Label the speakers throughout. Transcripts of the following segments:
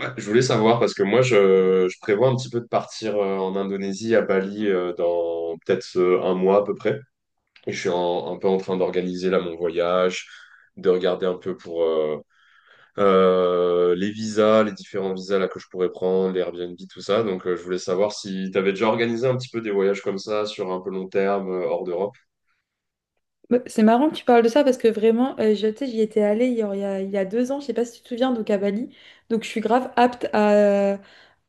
Speaker 1: Ouais, je voulais savoir parce que moi je prévois un petit peu de partir en Indonésie à Bali, dans peut-être un mois à peu près. Et je suis un peu en train d'organiser là mon voyage, de regarder un peu pour les visas, les différents visas là que je pourrais prendre, les Airbnb, tout ça. Donc je voulais savoir si tu avais déjà organisé un petit peu des voyages comme ça sur un peu long terme, hors d'Europe.
Speaker 2: Bah, c'est marrant que tu parles de ça parce que vraiment, tu sais, j'y étais allée il y a deux ans, je sais pas si tu te souviens, donc à Bali. Donc je suis grave apte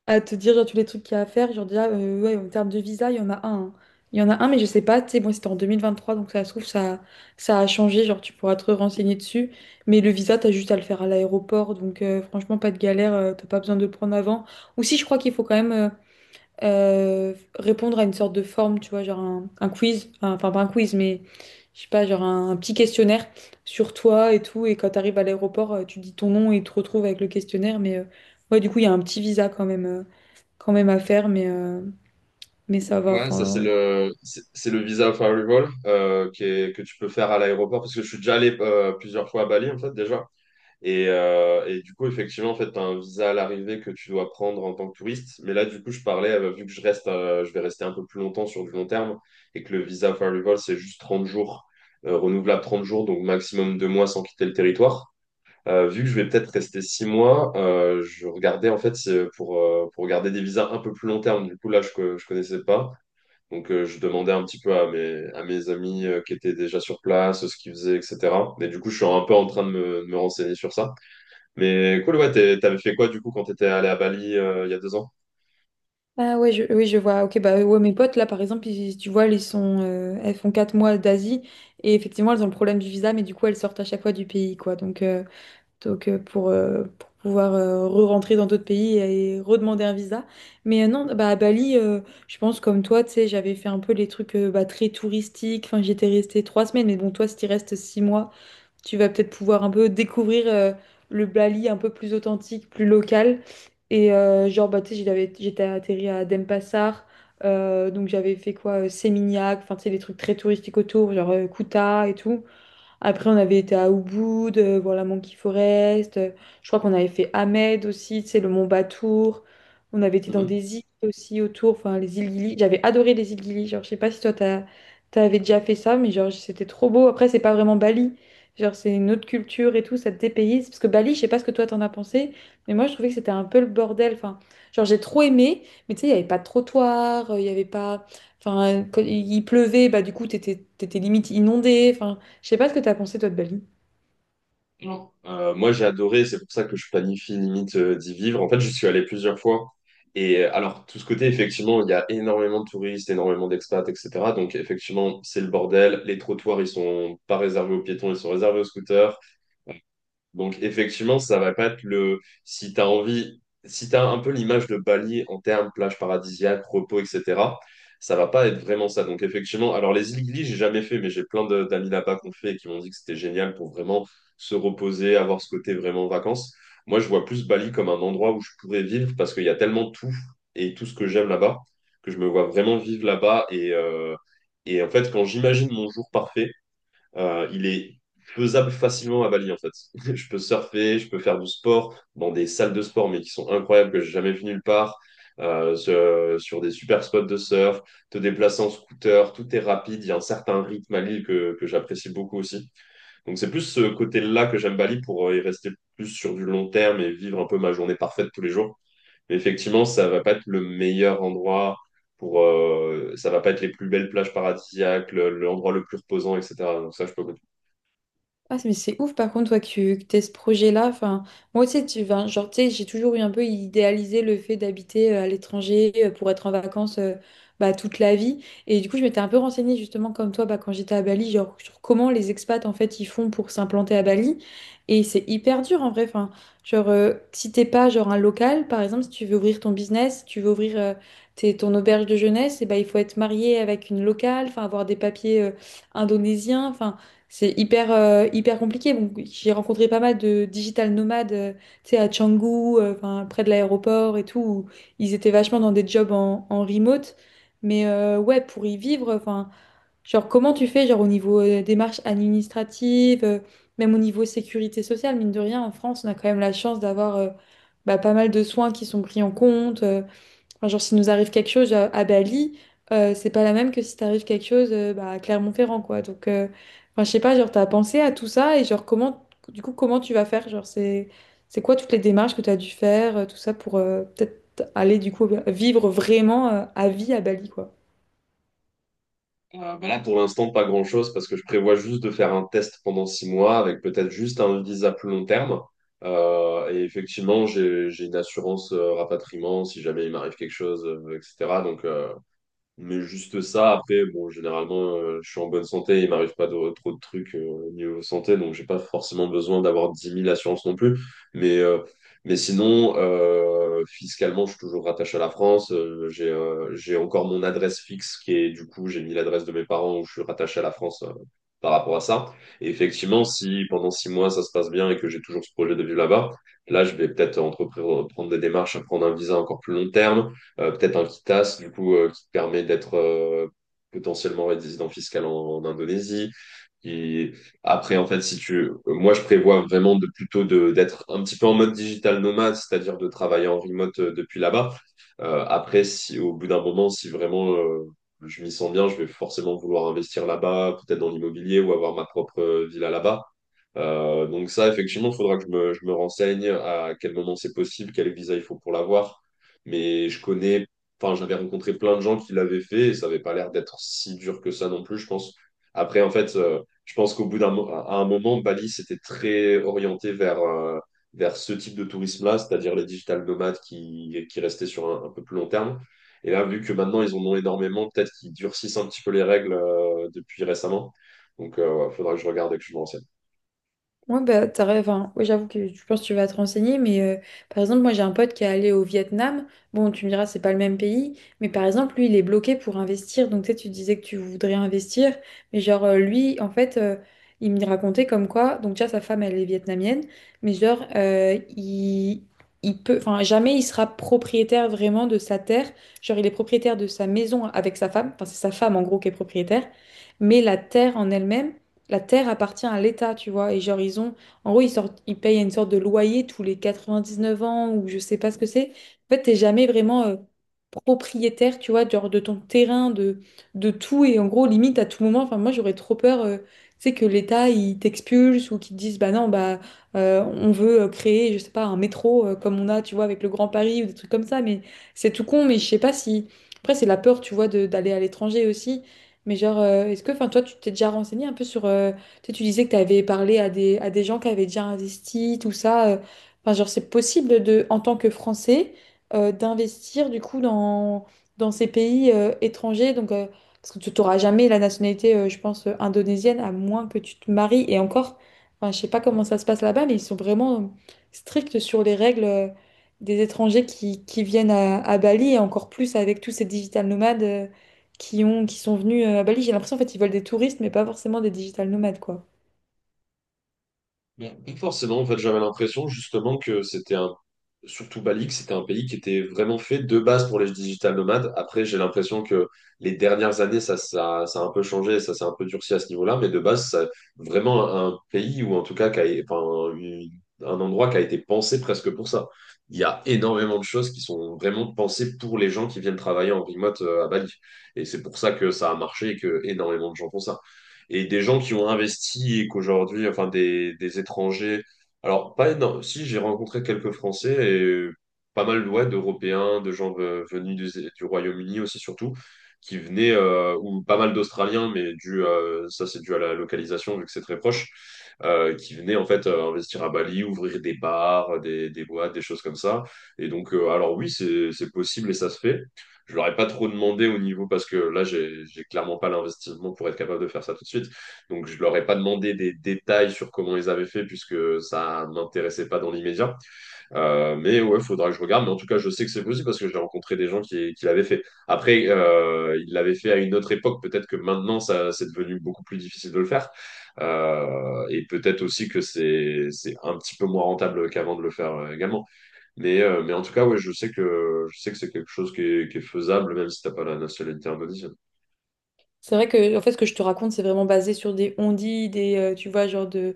Speaker 2: à te dire genre, tous les trucs qu'il y a à faire. Genre déjà, ouais, en termes de visa, il y en a un, hein. Il y en a un, mais je sais pas, tu sais, moi c'était en 2023, donc ça se trouve, ça a changé, genre tu pourras te renseigner dessus. Mais le visa, t'as juste à le faire à l'aéroport, donc franchement, pas de galère, t'as pas besoin de le prendre avant. Ou si, je crois qu'il faut quand même répondre à une sorte de forme, tu vois, genre un quiz, enfin pas un quiz, mais je sais pas, genre un petit questionnaire sur toi et tout. Et quand tu arrives à l'aéroport, tu dis ton nom et tu te retrouves avec le questionnaire. Mais ouais, du coup, il y a un petit visa quand même, quand même à faire, mais ça va.
Speaker 1: Ouais, ça c'est
Speaker 2: Enfin,
Speaker 1: le c'est le visa of arrival que tu peux faire à l'aéroport parce que je suis déjà allé plusieurs fois à Bali en fait déjà. Et du coup, effectivement, en fait, tu as un visa à l'arrivée que tu dois prendre en tant que touriste. Mais là, du coup, je parlais, vu que je reste, je vais rester un peu plus longtemps sur du long terme et que le visa for arrival, c'est juste 30 jours, renouvelable 30 jours, donc maximum 2 mois sans quitter le territoire. Vu que je vais peut-être rester 6 mois, je regardais, en fait, c'est pour regarder des visas un peu plus long terme. Du coup, là, je ne connaissais pas. Donc, je demandais un petit peu à à mes amis qui étaient déjà sur place, ce qu'ils faisaient, etc. Mais du coup, je suis un peu en train de de me renseigner sur ça. Mais cool, ouais, t'avais fait quoi du coup quand t'étais allé à Bali, il y a deux ans?
Speaker 2: ah ouais, oui, je vois. Ok, bah ouais, mes potes là, par exemple, tu vois, elles sont, elles font 4 mois d'Asie et effectivement, elles ont le problème du visa, mais du coup, elles sortent à chaque fois du pays, quoi. Donc, pour pouvoir re-rentrer dans d'autres pays et redemander un visa. Mais non, bah, à Bali, je pense comme toi, tu sais, j'avais fait un peu les trucs bah, très touristiques. Enfin, j'étais restée 3 semaines. Mais bon, toi, si tu restes 6 mois, tu vas peut-être pouvoir un peu découvrir le Bali un peu plus authentique, plus local. Et genre, bah, tu sais, j'étais atterri à Denpasar. Donc, j'avais fait quoi? Seminyak, enfin, tu sais, les trucs très touristiques autour, genre Kuta et tout. Après, on avait été à Ubud, voir la Monkey Forest. Je crois qu'on avait fait Ahmed aussi, c'est le Mont Batour. On avait été dans
Speaker 1: Mhm.
Speaker 2: des îles aussi autour, enfin les îles Gili. J'avais adoré les îles Gili. Genre, je sais pas si toi, t'avais déjà fait ça, mais genre, c'était trop beau. Après, c'est pas vraiment Bali. Genre, c'est une autre culture et tout, ça te dépayse. Parce que Bali, je sais pas ce que toi, t'en as pensé, mais moi, je trouvais que c'était un peu le bordel. Enfin, genre, j'ai trop aimé, mais tu sais, il y avait pas de trottoir, il y avait pas. Enfin, quand il pleuvait, bah, du coup, t'étais limite inondé. Je sais pas ce que t'as pensé, toi, de Bali.
Speaker 1: Non. Moi, j'ai adoré, c'est pour ça que je planifie limite d'y vivre. En fait, je suis allé plusieurs fois. Et alors, tout ce côté, effectivement, il y a énormément de touristes, énormément d'expats, etc. Donc, effectivement, c'est le bordel. Les trottoirs, ils sont pas réservés aux piétons, ils sont réservés aux scooters. Donc effectivement, ça va pas être le si tu as envie, si tu as un peu l'image de Bali en termes plage paradisiaque, repos, etc. Ça va pas être vraiment ça. Donc effectivement, alors les îles Gili, j'ai jamais fait, mais j'ai d'amis là-bas qu'on fait et qui m'ont dit que c'était génial pour vraiment se reposer, avoir ce côté vraiment vacances. Moi, je vois plus Bali comme un endroit où je pourrais vivre parce qu'il y a tellement tout et tout ce que j'aime là-bas que je me vois vraiment vivre là-bas et en fait, quand j'imagine mon jour parfait, il est faisable facilement à Bali, en fait. Je peux surfer, je peux faire du sport dans des salles de sport, mais qui sont incroyables, que j'ai jamais vu nulle part. Sur des super spots de surf, te déplacer en scooter, tout est rapide, il y a un certain rythme à l'île que j'apprécie beaucoup aussi. Donc c'est plus ce côté-là que j'aime Bali pour y rester plus sur du long terme et vivre un peu ma journée parfaite tous les jours. Mais effectivement, ça va pas être le meilleur endroit pour, ça va pas être les plus belles plages paradisiaques, l'endroit le plus reposant, etc. Donc ça, je peux.
Speaker 2: Ah, mais c'est ouf, par contre, toi, que t'aies ce projet-là. Enfin, moi aussi, enfin, genre, tu sais, j'ai toujours eu un peu idéalisé le fait d'habiter à l'étranger pour être en vacances bah, toute la vie. Et du coup, je m'étais un peu renseignée, justement, comme toi, bah, quand j'étais à Bali, genre, sur comment les expats, en fait, ils font pour s'implanter à Bali. Et c'est hyper dur, en vrai. Enfin, genre, si t'es pas, genre, un local, par exemple, si tu veux ouvrir ton business, si tu veux ouvrir ton auberge de jeunesse, et bah, il faut être marié avec une locale, enfin, avoir des papiers indonésiens. Enfin, c'est hyper, hyper compliqué. Bon, j'ai rencontré pas mal de digital nomades, tu sais, à Canggu, enfin, près de l'aéroport et tout, où ils étaient vachement dans des jobs en remote. Mais ouais, pour y vivre, enfin, genre, comment tu fais, genre, au niveau des démarches administratives, même au niveau sécurité sociale, mine de rien, en France, on a quand même la chance d'avoir bah, pas mal de soins qui sont pris en compte. Enfin, genre, s'il nous arrive quelque chose à Bali, c'est pas la même que si t'arrive quelque chose bah, à Clermont-Ferrand, quoi. Donc, enfin, je sais pas, genre, t'as pensé à tout ça et genre, comment, du coup, comment tu vas faire? Genre, c'est quoi toutes les démarches que t'as dû faire, tout ça, pour peut-être aller, du coup, vivre vraiment à vie à Bali, quoi.
Speaker 1: Bah là, pour l'instant, pas grand-chose parce que je prévois juste de faire un test pendant six mois avec peut-être juste un visa plus long terme. Et effectivement, j'ai une assurance rapatriement si jamais il m'arrive quelque chose, etc. Donc, mais juste ça, après, bon, généralement, je suis en bonne santé, il m'arrive pas de- trop de trucs niveau santé, donc j'ai pas forcément besoin d'avoir dix mille assurances non plus. Mais, euh, mais sinon, fiscalement, je suis toujours rattaché à la France. J'ai encore mon adresse fixe qui est, du coup, j'ai mis l'adresse de mes parents où je suis rattaché à la France par rapport à ça. Et effectivement, si pendant six mois ça se passe bien et que j'ai toujours ce projet de vivre là-bas, là, je vais peut-être entreprendre prendre des démarches à prendre un visa encore plus long terme, peut-être un Kitas, du coup, qui te permet d'être potentiellement résident fiscal en Indonésie. Et après, en fait, si tu, moi, je prévois vraiment de plutôt de d'être un petit peu en mode digital nomade, c'est-à-dire de travailler en remote depuis là-bas. Après, si au bout d'un moment, si vraiment je m'y sens bien, je vais forcément vouloir investir là-bas, peut-être dans l'immobilier ou avoir ma propre villa là-bas. Donc ça, effectivement, il faudra que je je me renseigne à quel moment c'est possible, quel visa il faut pour l'avoir. Mais je connais, enfin, j'avais rencontré plein de gens qui l'avaient fait et ça n'avait pas l'air d'être si dur que ça non plus, je pense. Après, en fait, je pense qu'au bout d'un à un moment, Bali s'était très orienté vers, vers ce type de tourisme-là, c'est-à-dire les digital nomades qui restaient sur un peu plus long terme. Et là, vu que maintenant, ils en ont énormément, peut-être qu'ils durcissent un petit peu les règles depuis récemment. Donc, il faudra que je regarde et que je me renseigne.
Speaker 2: Ouais, bah, enfin, ouais, j'avoue que je pense que tu vas te renseigner, mais par exemple, moi j'ai un pote qui est allé au Vietnam. Bon, tu me diras, c'est pas le même pays, mais par exemple, lui, il est bloqué pour investir. Donc, tu sais, tu disais que tu voudrais investir, mais genre, lui, en fait, il me racontait comme quoi, donc déjà, sa femme, elle est vietnamienne, mais genre, il peut, enfin, jamais il sera propriétaire vraiment de sa terre. Genre, il est propriétaire de sa maison avec sa femme, enfin, c'est sa femme en gros qui est propriétaire, mais la terre appartient à l'État, tu vois. Et genre, ils ont, en gros, ils sortent, ils payent une sorte de loyer tous les 99 ans ou je sais pas ce que c'est. En fait, t'es jamais vraiment propriétaire, tu vois, genre de ton terrain, de tout. Et en gros, limite, à tout moment, enfin, moi, j'aurais trop peur, tu sais, que l'État, il t'expulse ou qu'il te dise, bah non, bah, on veut créer, je sais pas, un métro comme on a, tu vois, avec le Grand Paris ou des trucs comme ça. Mais c'est tout con, mais je sais pas si. Après, c'est la peur, tu vois, d'aller à l'étranger aussi. Mais genre, est-ce que, enfin, toi, tu t'es déjà renseigné un peu sur... tu sais, tu disais que tu avais parlé à des gens qui avaient déjà investi, tout ça. Enfin, genre, c'est possible de, en tant que Français, d'investir du coup dans ces pays étrangers. Donc, parce que tu n'auras jamais la nationalité, je pense, indonésienne, à moins que tu te maries. Et encore, enfin, je sais pas comment ça se passe là-bas, mais ils sont vraiment stricts sur les règles des étrangers qui viennent à Bali, et encore plus avec tous ces digital nomades, qui sont venus à Bali. J'ai l'impression, en fait, ils veulent des touristes, mais pas forcément des digital nomades, quoi.
Speaker 1: Bon, pas forcément, en fait, j'avais l'impression justement que c'était surtout Bali, que c'était un pays qui était vraiment fait de base pour les digital nomades. Après, j'ai l'impression que les dernières années, ça a un peu changé, ça s'est un peu durci à ce niveau-là, vraiment un pays ou en tout cas enfin, un endroit qui a été pensé presque pour ça. Il y a énormément de choses qui sont vraiment pensées pour les gens qui viennent travailler en remote à Bali. Et c'est pour ça que ça a marché et que énormément de gens font ça et des gens qui ont investi et qu'aujourd'hui, enfin des étrangers. Alors, pas énorme. Si, j'ai rencontré quelques Français et pas mal ouais, d'Européens, de gens venus du Royaume-Uni aussi surtout, qui venaient, ou pas mal d'Australiens, mais dû, ça c'est dû à la localisation vu que c'est très proche, qui venaient en fait investir à Bali, ouvrir des bars, des boîtes, des choses comme ça. Et donc, alors oui, c'est possible et ça se fait. Je leur ai pas trop demandé au niveau parce que là j'ai clairement pas l'investissement pour être capable de faire ça tout de suite, donc je leur ai pas demandé des détails sur comment ils avaient fait puisque ça m'intéressait pas dans l'immédiat, mais ouais faudra que je regarde, mais en tout cas je sais que c'est possible parce que j'ai rencontré des gens qui l'avaient fait. Après ils l'avaient fait à une autre époque, peut-être que maintenant ça c'est devenu beaucoup plus difficile de le faire, et peut-être aussi que c'est un petit peu moins rentable qu'avant de le faire également, mais en tout cas, ouais, je sais que c'est quelque chose qui est faisable, même si t'as pas la nationalité indonésienne.
Speaker 2: C'est vrai que en fait ce que je te raconte c'est vraiment basé sur des on-dit, des tu vois genre de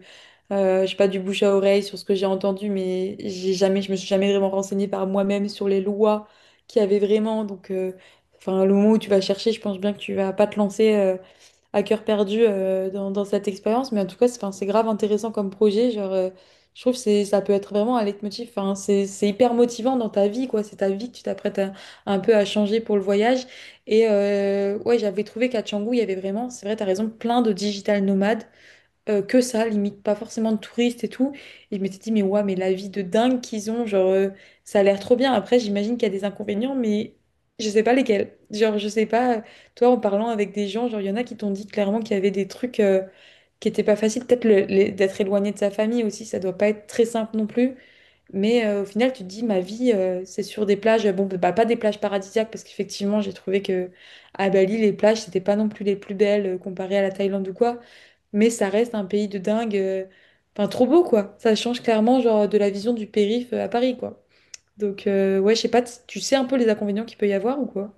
Speaker 2: je sais pas du bouche à oreille sur ce que j'ai entendu mais j'ai jamais je me suis jamais vraiment renseignée par moi-même sur les lois qu'il y avait vraiment donc enfin le moment où tu vas chercher je pense bien que tu vas pas te lancer à cœur perdu dans cette expérience mais en tout cas c'est enfin, c'est grave intéressant comme projet genre je trouve que c'est ça peut être vraiment un leitmotiv enfin c'est hyper motivant dans ta vie quoi c'est ta vie que un peu à changer pour le voyage et ouais, j'avais trouvé qu'à Canggu, il y avait vraiment, c'est vrai, t'as raison, plein de digital nomades, que ça, limite, pas forcément de touristes et tout. Et je m'étais dit, mais ouais, mais la vie de dingue qu'ils ont, genre, ça a l'air trop bien. Après, j'imagine qu'il y a des inconvénients, mais je sais pas lesquels. Genre, je sais pas, toi, en parlant avec des gens, genre, il y en a qui t'ont dit clairement qu'il y avait des trucs qui étaient pas faciles. Peut-être d'être éloigné de sa famille aussi, ça doit pas être très simple non plus. Mais au final, tu te dis, ma vie, c'est sur des plages, bon, bah, pas des plages paradisiaques, parce qu'effectivement, j'ai trouvé que à Bali, les plages, c'était pas non plus les plus belles comparées à la Thaïlande ou quoi, mais ça reste un pays de dingue, enfin, trop beau, quoi. Ça change clairement, genre, de la vision du périph' à Paris, quoi. Donc, ouais, je sais pas, tu sais un peu les inconvénients qu'il peut y avoir ou quoi?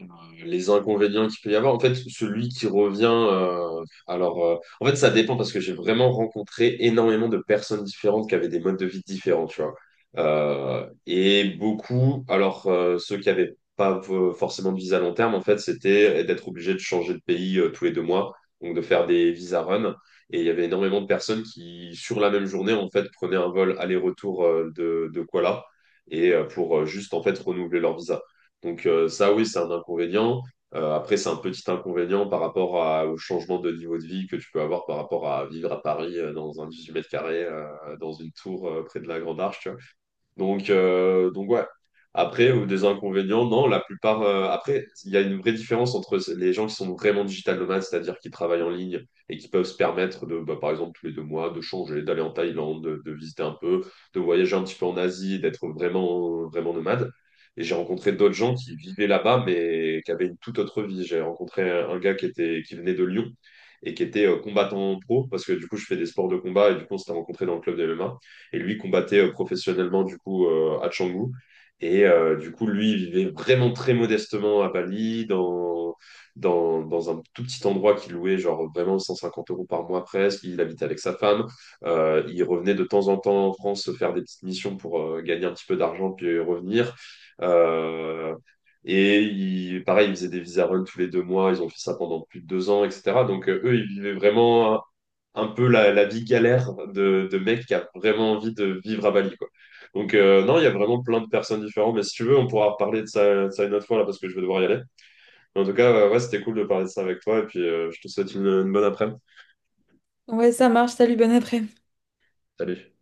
Speaker 1: euh, les inconvénients qu'il peut y avoir. En fait, celui qui revient, en fait, ça dépend parce que j'ai vraiment rencontré énormément de personnes différentes qui avaient des modes de vie différents, tu vois. Et beaucoup, ceux qui avaient pas forcément de visa à long terme, en fait, c'était d'être obligé de changer de pays tous les deux mois, donc de faire des visa run. Et il y avait énormément de personnes qui, sur la même journée, en fait, prenaient un vol aller-retour de Kuala et pour juste en fait renouveler leur visa. Donc ça, oui, c'est un inconvénient. Après, c'est un petit inconvénient par rapport au changement de niveau de vie que tu peux avoir par rapport à vivre à Paris dans un 18 mètres carrés, dans une tour près de la Grande Arche. Tu Donc, donc ouais. Après, des inconvénients, non, la plupart. Après, il y a une vraie différence entre les gens qui sont vraiment digital nomades, c'est-à-dire qui travaillent en ligne et qui peuvent se permettre de, bah, par exemple, tous les deux mois, de changer, d'aller en Thaïlande, de visiter un peu, de voyager un petit peu en Asie, d'être vraiment, vraiment nomade. Et j'ai rencontré d'autres gens qui vivaient là-bas, mais qui avaient une toute autre vie. J'ai rencontré un gars qui était, qui venait de Lyon et qui était combattant pro, parce que du coup, je fais des sports de combat et du coup, on s'était rencontré dans le club de MMA. Et lui combattait professionnellement, du coup, à Canggu. Et du coup, lui, il vivait vraiment très modestement à Bali, dans un tout petit endroit qu'il louait, genre vraiment 150 euros par mois presque. Il habitait avec sa femme. Il revenait de temps en temps en France se faire des petites missions pour gagner un petit peu d'argent puis revenir. Euh, et il, pareil, ils faisaient des visa runs tous les deux mois. Ils ont fait ça pendant plus de deux ans, etc. Donc eux, ils vivaient vraiment un peu la vie galère de mec qui a vraiment envie de vivre à Bali, quoi. Donc, non, il y a vraiment plein de personnes différentes. Mais si tu veux, on pourra reparler de ça une autre fois, là, parce que je vais devoir y aller. Mais en tout cas, ouais, c'était cool de parler de ça avec toi. Et puis, je te souhaite une bonne après-midi.
Speaker 2: Ouais, ça marche, salut, bon après
Speaker 1: Salut.